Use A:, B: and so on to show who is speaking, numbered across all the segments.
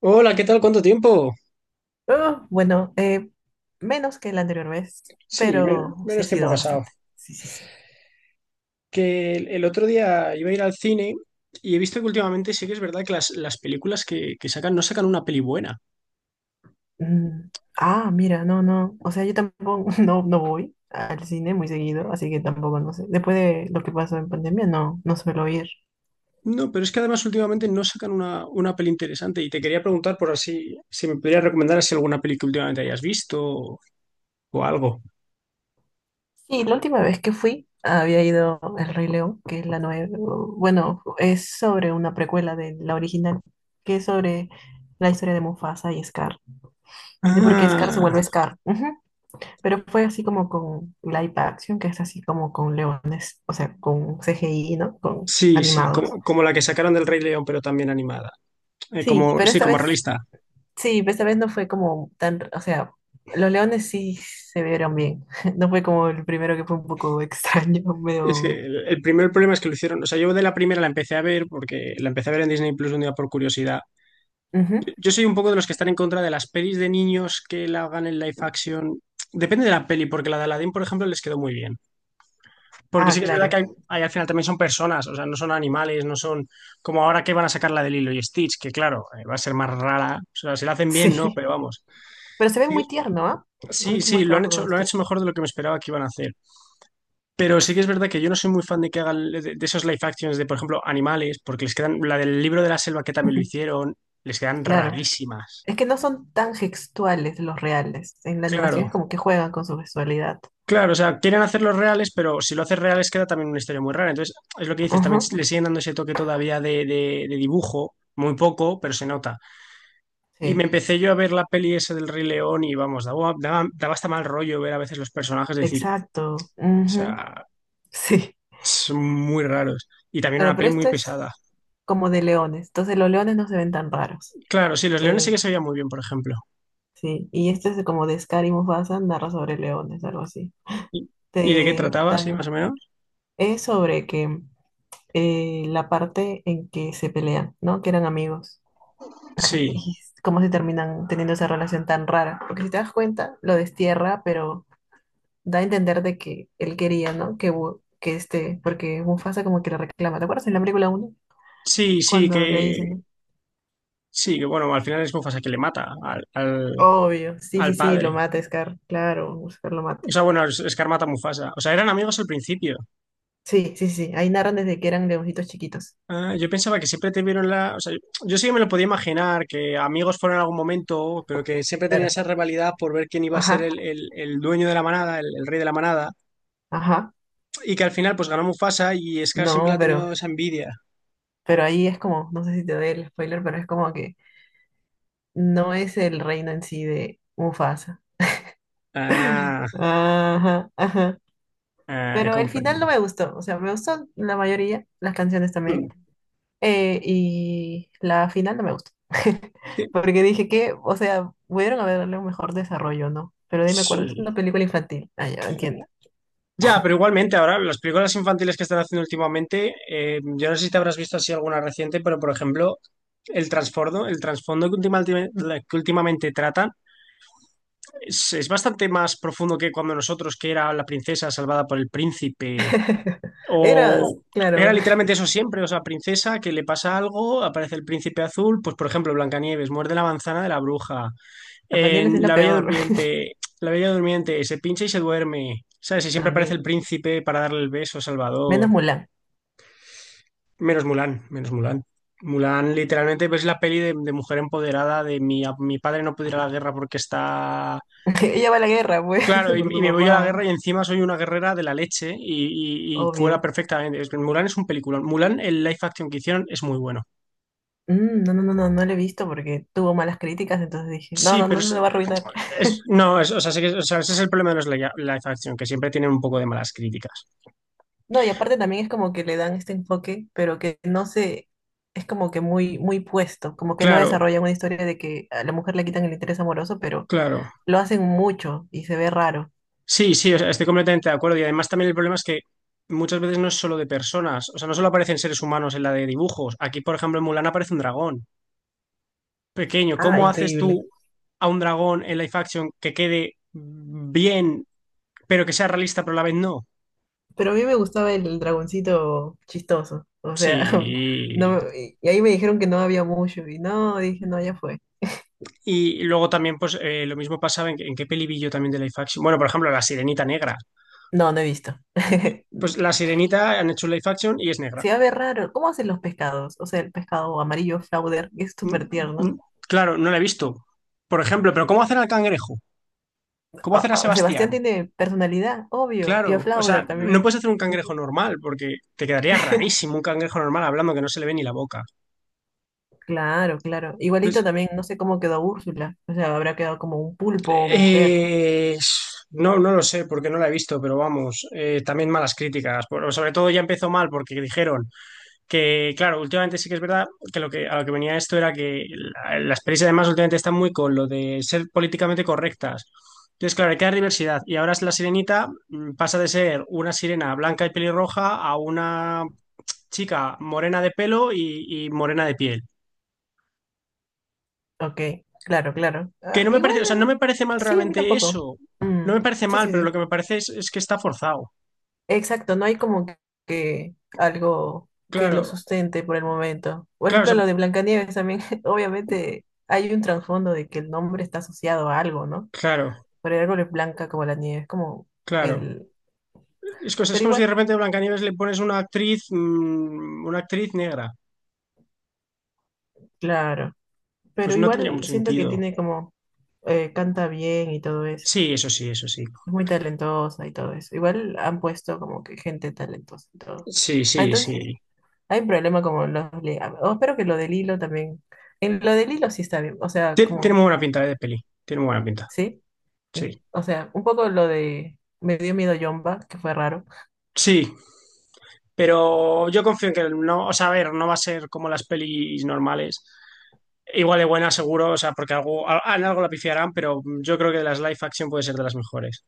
A: Hola, ¿qué tal? ¿Cuánto tiempo?
B: Ah, bueno, menos que la anterior vez,
A: Sí,
B: pero sí ha
A: menos tiempo ha
B: sido
A: pasado.
B: bastante. Sí, sí, sí.
A: Que el otro día iba a ir al cine y he visto que últimamente sí que es verdad que las películas que sacan no sacan una peli buena.
B: Mm, ah, mira, no, no. O sea, yo tampoco no, no voy al cine muy seguido, así que tampoco no sé. Después de lo que pasó en pandemia, no, no suelo ir.
A: No, pero es que además últimamente no sacan una peli interesante y te quería preguntar por así, si me podrías recomendar así alguna peli que últimamente hayas visto o algo.
B: Sí, la última vez que fui había ido El Rey León, que es la nueva, bueno, es sobre una precuela de la original, que es sobre la historia de Mufasa y Scar, de por qué Scar se vuelve
A: Ah,
B: Scar. Ujú. Pero fue así como con live action, que es así como con leones, o sea, con CGI, ¿no? Con
A: sí, sí,
B: animados.
A: como la que sacaron del Rey León, pero también animada.
B: Sí,
A: Como,
B: pero
A: sí,
B: esta
A: como
B: vez,
A: realista.
B: sí, pero esta vez no fue como tan, o sea, los leones sí se vieron bien. No fue como el primero que fue un poco extraño,
A: Es que
B: medio...
A: el primer problema es que lo hicieron. O sea, yo de la primera la empecé a ver porque la empecé a ver en Disney Plus un día por curiosidad.
B: Ujú.
A: Yo soy un poco de los que están en contra de las pelis de niños que la hagan en live action. Depende de la peli, porque la de Aladdin, por ejemplo, les quedó muy bien. Porque sí
B: Ah,
A: que es verdad que
B: claro,
A: hay al final también son personas, o sea, no son animales, no son como ahora que van a sacar la de Lilo y Stitch, que claro, va a ser más rara. O sea, si la hacen bien, no,
B: sí.
A: pero vamos.
B: Pero se ve
A: Sí,
B: muy tierno, ¿ah? Han
A: sí,
B: hecho un buen
A: sí,
B: trabajo con
A: lo han hecho
B: Stitch.
A: mejor de lo que me esperaba que iban a hacer. Pero sí que es verdad que yo no soy muy fan de que hagan de esos live actions de, por ejemplo, animales, porque les quedan, la del libro de la selva que también lo hicieron, les quedan
B: Claro.
A: rarísimas.
B: Es que no son tan gestuales los reales. En la animación es
A: Claro,
B: como que juegan con su gestualidad.
A: claro, o sea, quieren hacerlos reales, pero si lo haces reales queda también una historia muy rara. Entonces, es lo que dices, también
B: Ajá.
A: le siguen dando ese toque todavía de dibujo, muy poco, pero se nota. Y me
B: Sí.
A: empecé yo a ver la peli esa del Rey León y vamos, daba hasta mal rollo ver a veces los personajes, decir,
B: Exacto.
A: o
B: Ujú.
A: sea,
B: Sí.
A: son muy raros. Y también
B: Claro,
A: una
B: pero
A: peli muy
B: esto
A: pesada.
B: es como de leones. Entonces los leones no se ven tan raros.
A: Claro, sí, los leones sí que
B: Eh,
A: se veían muy bien, por ejemplo.
B: sí. Y este es como de Scar y Mufasa, narra sobre leones, algo así.
A: ¿Y de qué
B: Te
A: trataba, sí, más
B: dan...
A: o menos?
B: Es sobre que la parte en que se pelean, ¿no? Que eran amigos.
A: Sí,
B: Y s- cómo se terminan teniendo esa relación tan rara. Porque si te das cuenta, lo destierra, pero da a entender de que él quería, ¿no? Que, Bu- que este... Porque Mufasa como que le reclama. ¿Te acuerdas en la película uno?
A: sí,
B: Cuando le dicen, ¿no?
A: sí, que bueno, al final es Mufasa que le mata al, al,
B: Obvio, sí, sí,
A: al
B: sí,
A: padre.
B: lo mata Scar, claro, Scar lo mata.
A: O sea, bueno, Scar mata a Mufasa. O sea, eran amigos al principio.
B: Sí, sí, sí, ahí narran desde que eran leoncitos chiquitos.
A: Ah, yo pensaba que siempre tuvieron la. O sea, yo sí que me lo podía imaginar, que amigos fueron en algún momento, pero que siempre tenía
B: Claro.
A: esa rivalidad por ver quién iba a ser
B: Ajá,
A: el dueño de la manada, el rey de la manada.
B: ajá.
A: Y que al final, pues ganó Mufasa y Scar siempre
B: No,
A: ha tenido esa envidia.
B: pero ahí es como, no sé si te doy el spoiler, pero es como que no es el reino en sí de Mufasa.
A: Ah,
B: Ajá, ajá.
A: ah, he
B: Pero el final
A: comprendido.
B: no me gustó, o sea, me gustó la mayoría, las canciones también.
A: Hmm.
B: Y la final no me gustó.
A: Sí.
B: Porque dije que, o sea, pudieron haberle un mejor desarrollo, ¿no? Pero de ahí me acuerdo, es una
A: Sí.
B: película infantil. Ah, ya,
A: Sí.
B: entiendo.
A: Ya, pero igualmente ahora las películas infantiles que están haciendo últimamente, yo no sé si te habrás visto así alguna reciente, pero por ejemplo, el trasfondo que últimamente tratan es bastante más profundo que cuando nosotros, que era la princesa salvada por el príncipe,
B: Era,
A: o era
B: claro,
A: literalmente eso siempre, o sea, princesa que le pasa algo, aparece el príncipe azul, pues por ejemplo, Blancanieves muerde la manzana de la bruja.
B: la Pañales es
A: En
B: la
A: La Bella
B: peor
A: Durmiente, La Bella Durmiente se pincha y se duerme. ¿Sabes? Y siempre aparece el
B: también.
A: príncipe para darle el beso a Salvador.
B: Menos Mulan.
A: Menos Mulan, menos Mulan. Mulan, literalmente, pues, es la peli de mujer empoderada, de mi, a- mi padre no pudiera la guerra porque está.
B: Ella va a la guerra, pues,
A: Claro,
B: por
A: y
B: tu
A: me voy a la guerra y
B: papá,
A: encima soy una guerrera de la leche y cuela
B: obvio.
A: perfectamente. Es que Mulan es un peliculón. Mulan, el live action que hicieron es muy bueno.
B: Mm, no, no, no, no, no la he visto porque tuvo malas críticas, entonces dije, no,
A: Sí,
B: no,
A: pero
B: no, no la va a arruinar.
A: es- no, es- o sea, sí que- o sea, ese es el problema de los live action, que siempre tienen un poco de malas críticas.
B: No, y aparte también es como que le dan este enfoque, pero que no se, es como que muy, muy puesto, como que no
A: Claro,
B: desarrollan una historia de que a la mujer le quitan el interés amoroso, pero
A: claro.
B: lo hacen mucho y se ve raro.
A: Sí, sí, o sea, estoy completamente de acuerdo. Y además también el problema es que muchas veces no es solo de personas, o sea, no solo aparecen seres humanos en la de dibujos. Aquí, por ejemplo, en Mulan aparece un dragón pequeño.
B: Ah,
A: ¿Cómo haces
B: increíble.
A: tú a un dragón en live action que quede bien, pero que sea realista, pero a la vez no?
B: Pero a mí me gustaba el dragoncito chistoso, o sea,
A: Sí.
B: no, y ahí me dijeron que no había mucho, y no, dije, no, ya fue.
A: Y luego también, pues, lo mismo pasaba en qué peli vi yo también de live action. Bueno, por ejemplo, La Sirenita Negra.
B: No, no he visto.
A: Pues La Sirenita han hecho un live action y es negra.
B: Se va a ver raro. ¿Cómo hacen los pescados? O sea, el pescado amarillo Flauder, que es
A: Mm,
B: súper tierno.
A: mm. Claro, no la he visto. Por ejemplo, pero ¿cómo hacer al cangrejo? ¿Cómo
B: Ah,
A: hacer a
B: ah,
A: Sebastián?
B: Sebastián tiene personalidad, obvio, y a
A: Claro, o
B: Flauder
A: sea, no
B: también.
A: puedes hacer un cangrejo normal porque te quedaría rarísimo un cangrejo normal hablando que no se le ve ni la boca.
B: Claro, claro. Igualito
A: Entonces,
B: también, no sé cómo quedó Úrsula. O sea, habrá quedado como un pulpo o mujer.
A: eh, no, no lo sé porque no la he visto, pero vamos, también malas críticas. Por- sobre todo ya empezó mal porque dijeron que, claro, últimamente sí que es verdad que, lo que a lo que venía esto era que las pelis además últimamente están muy con lo de ser políticamente correctas. Entonces, claro, hay que dar diversidad. Y ahora es la sirenita mm, pasa de ser una sirena blanca y pelirroja a una chica morena de pelo y morena de piel.
B: Ok, claro, claro.
A: Que
B: Ah,
A: no me
B: igual,
A: parece, o sea, no
B: el-
A: me parece mal
B: sí, a mí
A: realmente eso.
B: tampoco.
A: No
B: Mm,
A: me parece
B: sí,
A: mal,
B: sí,
A: pero lo
B: sí.
A: que me parece es que está forzado.
B: Exacto, no hay como que algo que lo
A: Claro,
B: sustente por el momento. Por
A: claro, o
B: ejemplo,
A: sea,
B: lo de Blancanieves también, obviamente hay un trasfondo de que el nombre está asociado a algo, ¿no?
A: claro,
B: Pero el árbol es blanca como la nieve, es como
A: claro.
B: el...
A: Es, es
B: Pero
A: como si de
B: igual
A: repente a Blancanieves le pones una actriz, mm, una actriz negra.
B: claro,
A: Pues
B: pero
A: no tendría
B: igual
A: mucho
B: siento que
A: sentido.
B: tiene como, canta bien y todo eso,
A: Sí, eso sí, eso sí.
B: es muy talentosa y todo eso. Igual han puesto como que gente talentosa y todo.
A: Sí,
B: Ah,
A: sí, sí.
B: entonces hay un problema como los... le- ah, oh, espero que lo del hilo también... En lo del hilo sí está bien, o sea,
A: Tiene
B: como,
A: muy buena pinta, de peli. Tiene muy buena pinta.
B: ¿sí? Y,
A: Sí.
B: o sea, un poco lo de... Me dio miedo Yomba, que fue raro.
A: Sí, pero yo confío en que no, o sea, a ver, no va a ser como las pelis normales. Igual de buena, seguro, o sea, porque algo, en algo la pifiarán, pero yo creo que de las live action puede ser de las mejores.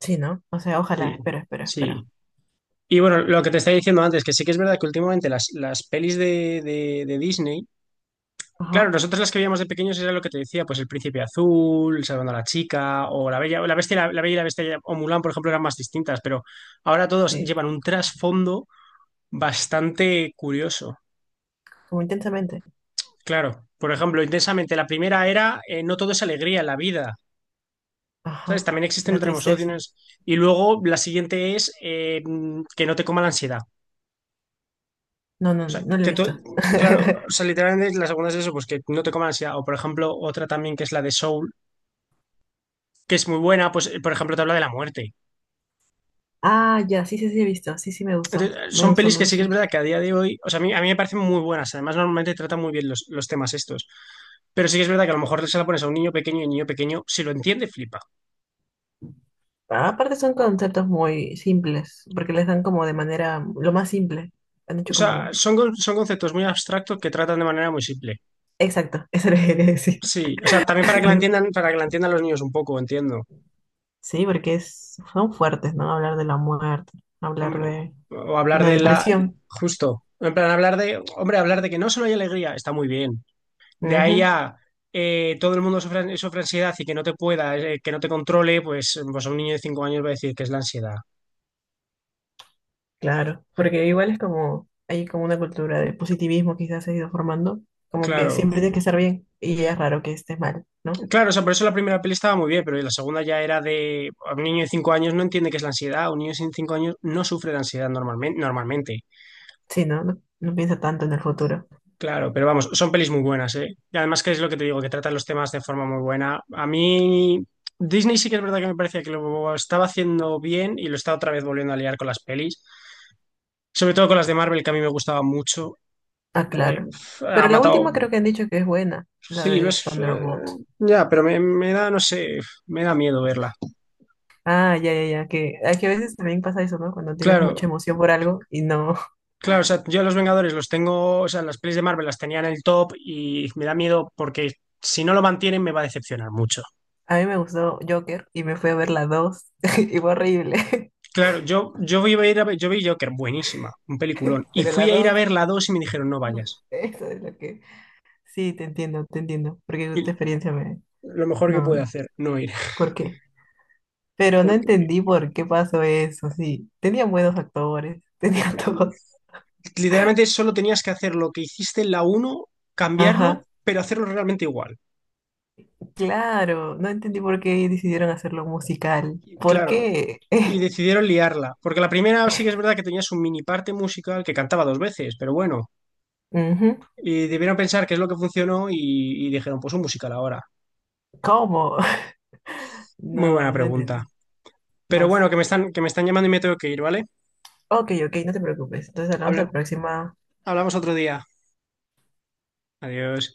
B: Sí, ¿no? O sea, ojalá,
A: Sí,
B: espero, espero,
A: sí.
B: espero.
A: Y bueno, lo que te estaba diciendo antes, que sí que es verdad que últimamente las pelis de Disney, claro,
B: Ajá,
A: nosotros las que veíamos de pequeños era lo que te decía, pues El Príncipe Azul, Salvando a la Chica, o La Bella, la Bestia, y la Bella y la Bestia, o Mulan, por ejemplo, eran más distintas, pero ahora todos
B: sí,
A: llevan un trasfondo bastante curioso.
B: como intensamente.
A: Claro, por ejemplo, intensamente, la primera era no todo es alegría en la vida. ¿Sabes?
B: Ajá,
A: También existen,
B: la
A: otros
B: tristeza.
A: emociones. Y luego la siguiente es que no te coma la ansiedad.
B: No, no, no lo he
A: Que tú-
B: visto.
A: claro, o sea, literalmente la segunda es eso, pues que no te coma la ansiedad. O por ejemplo, otra también que es la de Soul, que es muy buena, pues por ejemplo te habla de la muerte.
B: Ah, ya, sí, sí, sí, he visto. Sí, sí, me gustó.
A: Entonces,
B: Me
A: son
B: gustó,
A: pelis
B: me
A: que sí que es
B: gustó.
A: verdad que a día de hoy, o sea, a mí me parecen muy buenas. Además, normalmente tratan muy bien los temas estos. Pero sí que es verdad que a lo mejor se la pones a un niño pequeño y el niño pequeño, si lo entiende, flipa.
B: Ah, aparte son conceptos muy simples, porque les dan como de manera lo más simple. Han
A: O
B: hecho
A: sea,
B: como...
A: son, son conceptos muy abstractos que tratan de manera muy simple.
B: Exacto, eso lo que quería decir.
A: Sí, o sea, también para que la entiendan, para que la entiendan los niños un poco, entiendo.
B: Sí, porque es, son fuertes, ¿no? Hablar de la muerte, hablar
A: Hombre,
B: de
A: o hablar
B: la
A: de la,
B: depresión.
A: justo, en plan hablar de, hombre, hablar de que no solo hay alegría, está muy bien. De ahí
B: Ujú,
A: a todo el mundo sufre, sufre ansiedad y que no te pueda, que no te controle, pues, a un niño de 5 años va a decir que es la ansiedad.
B: claro, porque igual es como, hay como una cultura de positivismo quizás se ha ido formando, como que
A: Claro,
B: siempre tienes que estar bien y es raro que estés mal, ¿no?
A: claro, o sea, por eso la primera peli estaba muy bien, pero la segunda ya era de, a un niño de cinco años no entiende qué es la ansiedad, un niño sin 5 años no sufre de ansiedad normalmente, normalmente.
B: Sí, ¿no? No, no piensa tanto en el futuro.
A: Claro, pero vamos, son pelis muy buenas, ¿eh? Y además que es lo que te digo, que tratan los temas de forma muy buena. A mí, Disney sí que es verdad que me parecía que lo estaba haciendo bien y lo está otra vez volviendo a liar con las pelis, sobre todo con las de Marvel, que a mí me gustaba mucho.
B: Ah, claro.
A: Uf, ha
B: Pero la
A: matado,
B: última creo que han dicho que es buena, la
A: sí, lo
B: de
A: es,
B: Thunderbolt.
A: ya, pero me da, no sé, me da miedo verla.
B: Ah, ya, ya, ya, que, ah, que a veces también pasa eso, ¿no? Cuando tienes mucha
A: Claro,
B: emoción por algo y no.
A: claro, o sea, yo a los Vengadores los tengo, o sea, las pelis de Marvel las tenía en el top y me da miedo porque si no lo mantienen me va a decepcionar mucho.
B: A mí me gustó Joker y me fui a ver la dos y fue horrible.
A: Claro, yo, iba a ir a ver, yo vi Joker, buenísima, un peliculón. Y
B: Pero la
A: fui a ir a
B: 2
A: ver la 2 y me dijeron, no
B: no,
A: vayas.
B: eso es lo que... Sí, te entiendo, porque
A: Y
B: esta experiencia me...
A: lo mejor que
B: No, no,
A: puede
B: no,
A: hacer, no ir.
B: ¿por qué? Pero no
A: Porque
B: entendí por qué pasó eso, sí. Tenían buenos actores, tenía todo.
A: literalmente solo tenías que hacer lo que hiciste en la uno, cambiarlo,
B: Ajá.
A: pero hacerlo realmente igual.
B: Claro, no entendí por qué decidieron hacerlo musical.
A: Y
B: ¿Por
A: claro,
B: qué?
A: y decidieron liarla. Porque la primera sí que es verdad que tenías un mini parte musical que cantaba dos veces, pero bueno.
B: Ujú,
A: Y debieron pensar qué es lo que funcionó y dijeron, pues un musical ahora.
B: ¿cómo?
A: Muy buena
B: No, no
A: pregunta.
B: entendí.
A: Pero
B: No sé.
A: bueno, que me están llamando y me tengo que ir, ¿vale?
B: Ok, ok, no te preocupes. Entonces hablamos
A: Habla-
B: la próxima.
A: Hablamos otro día. Adiós.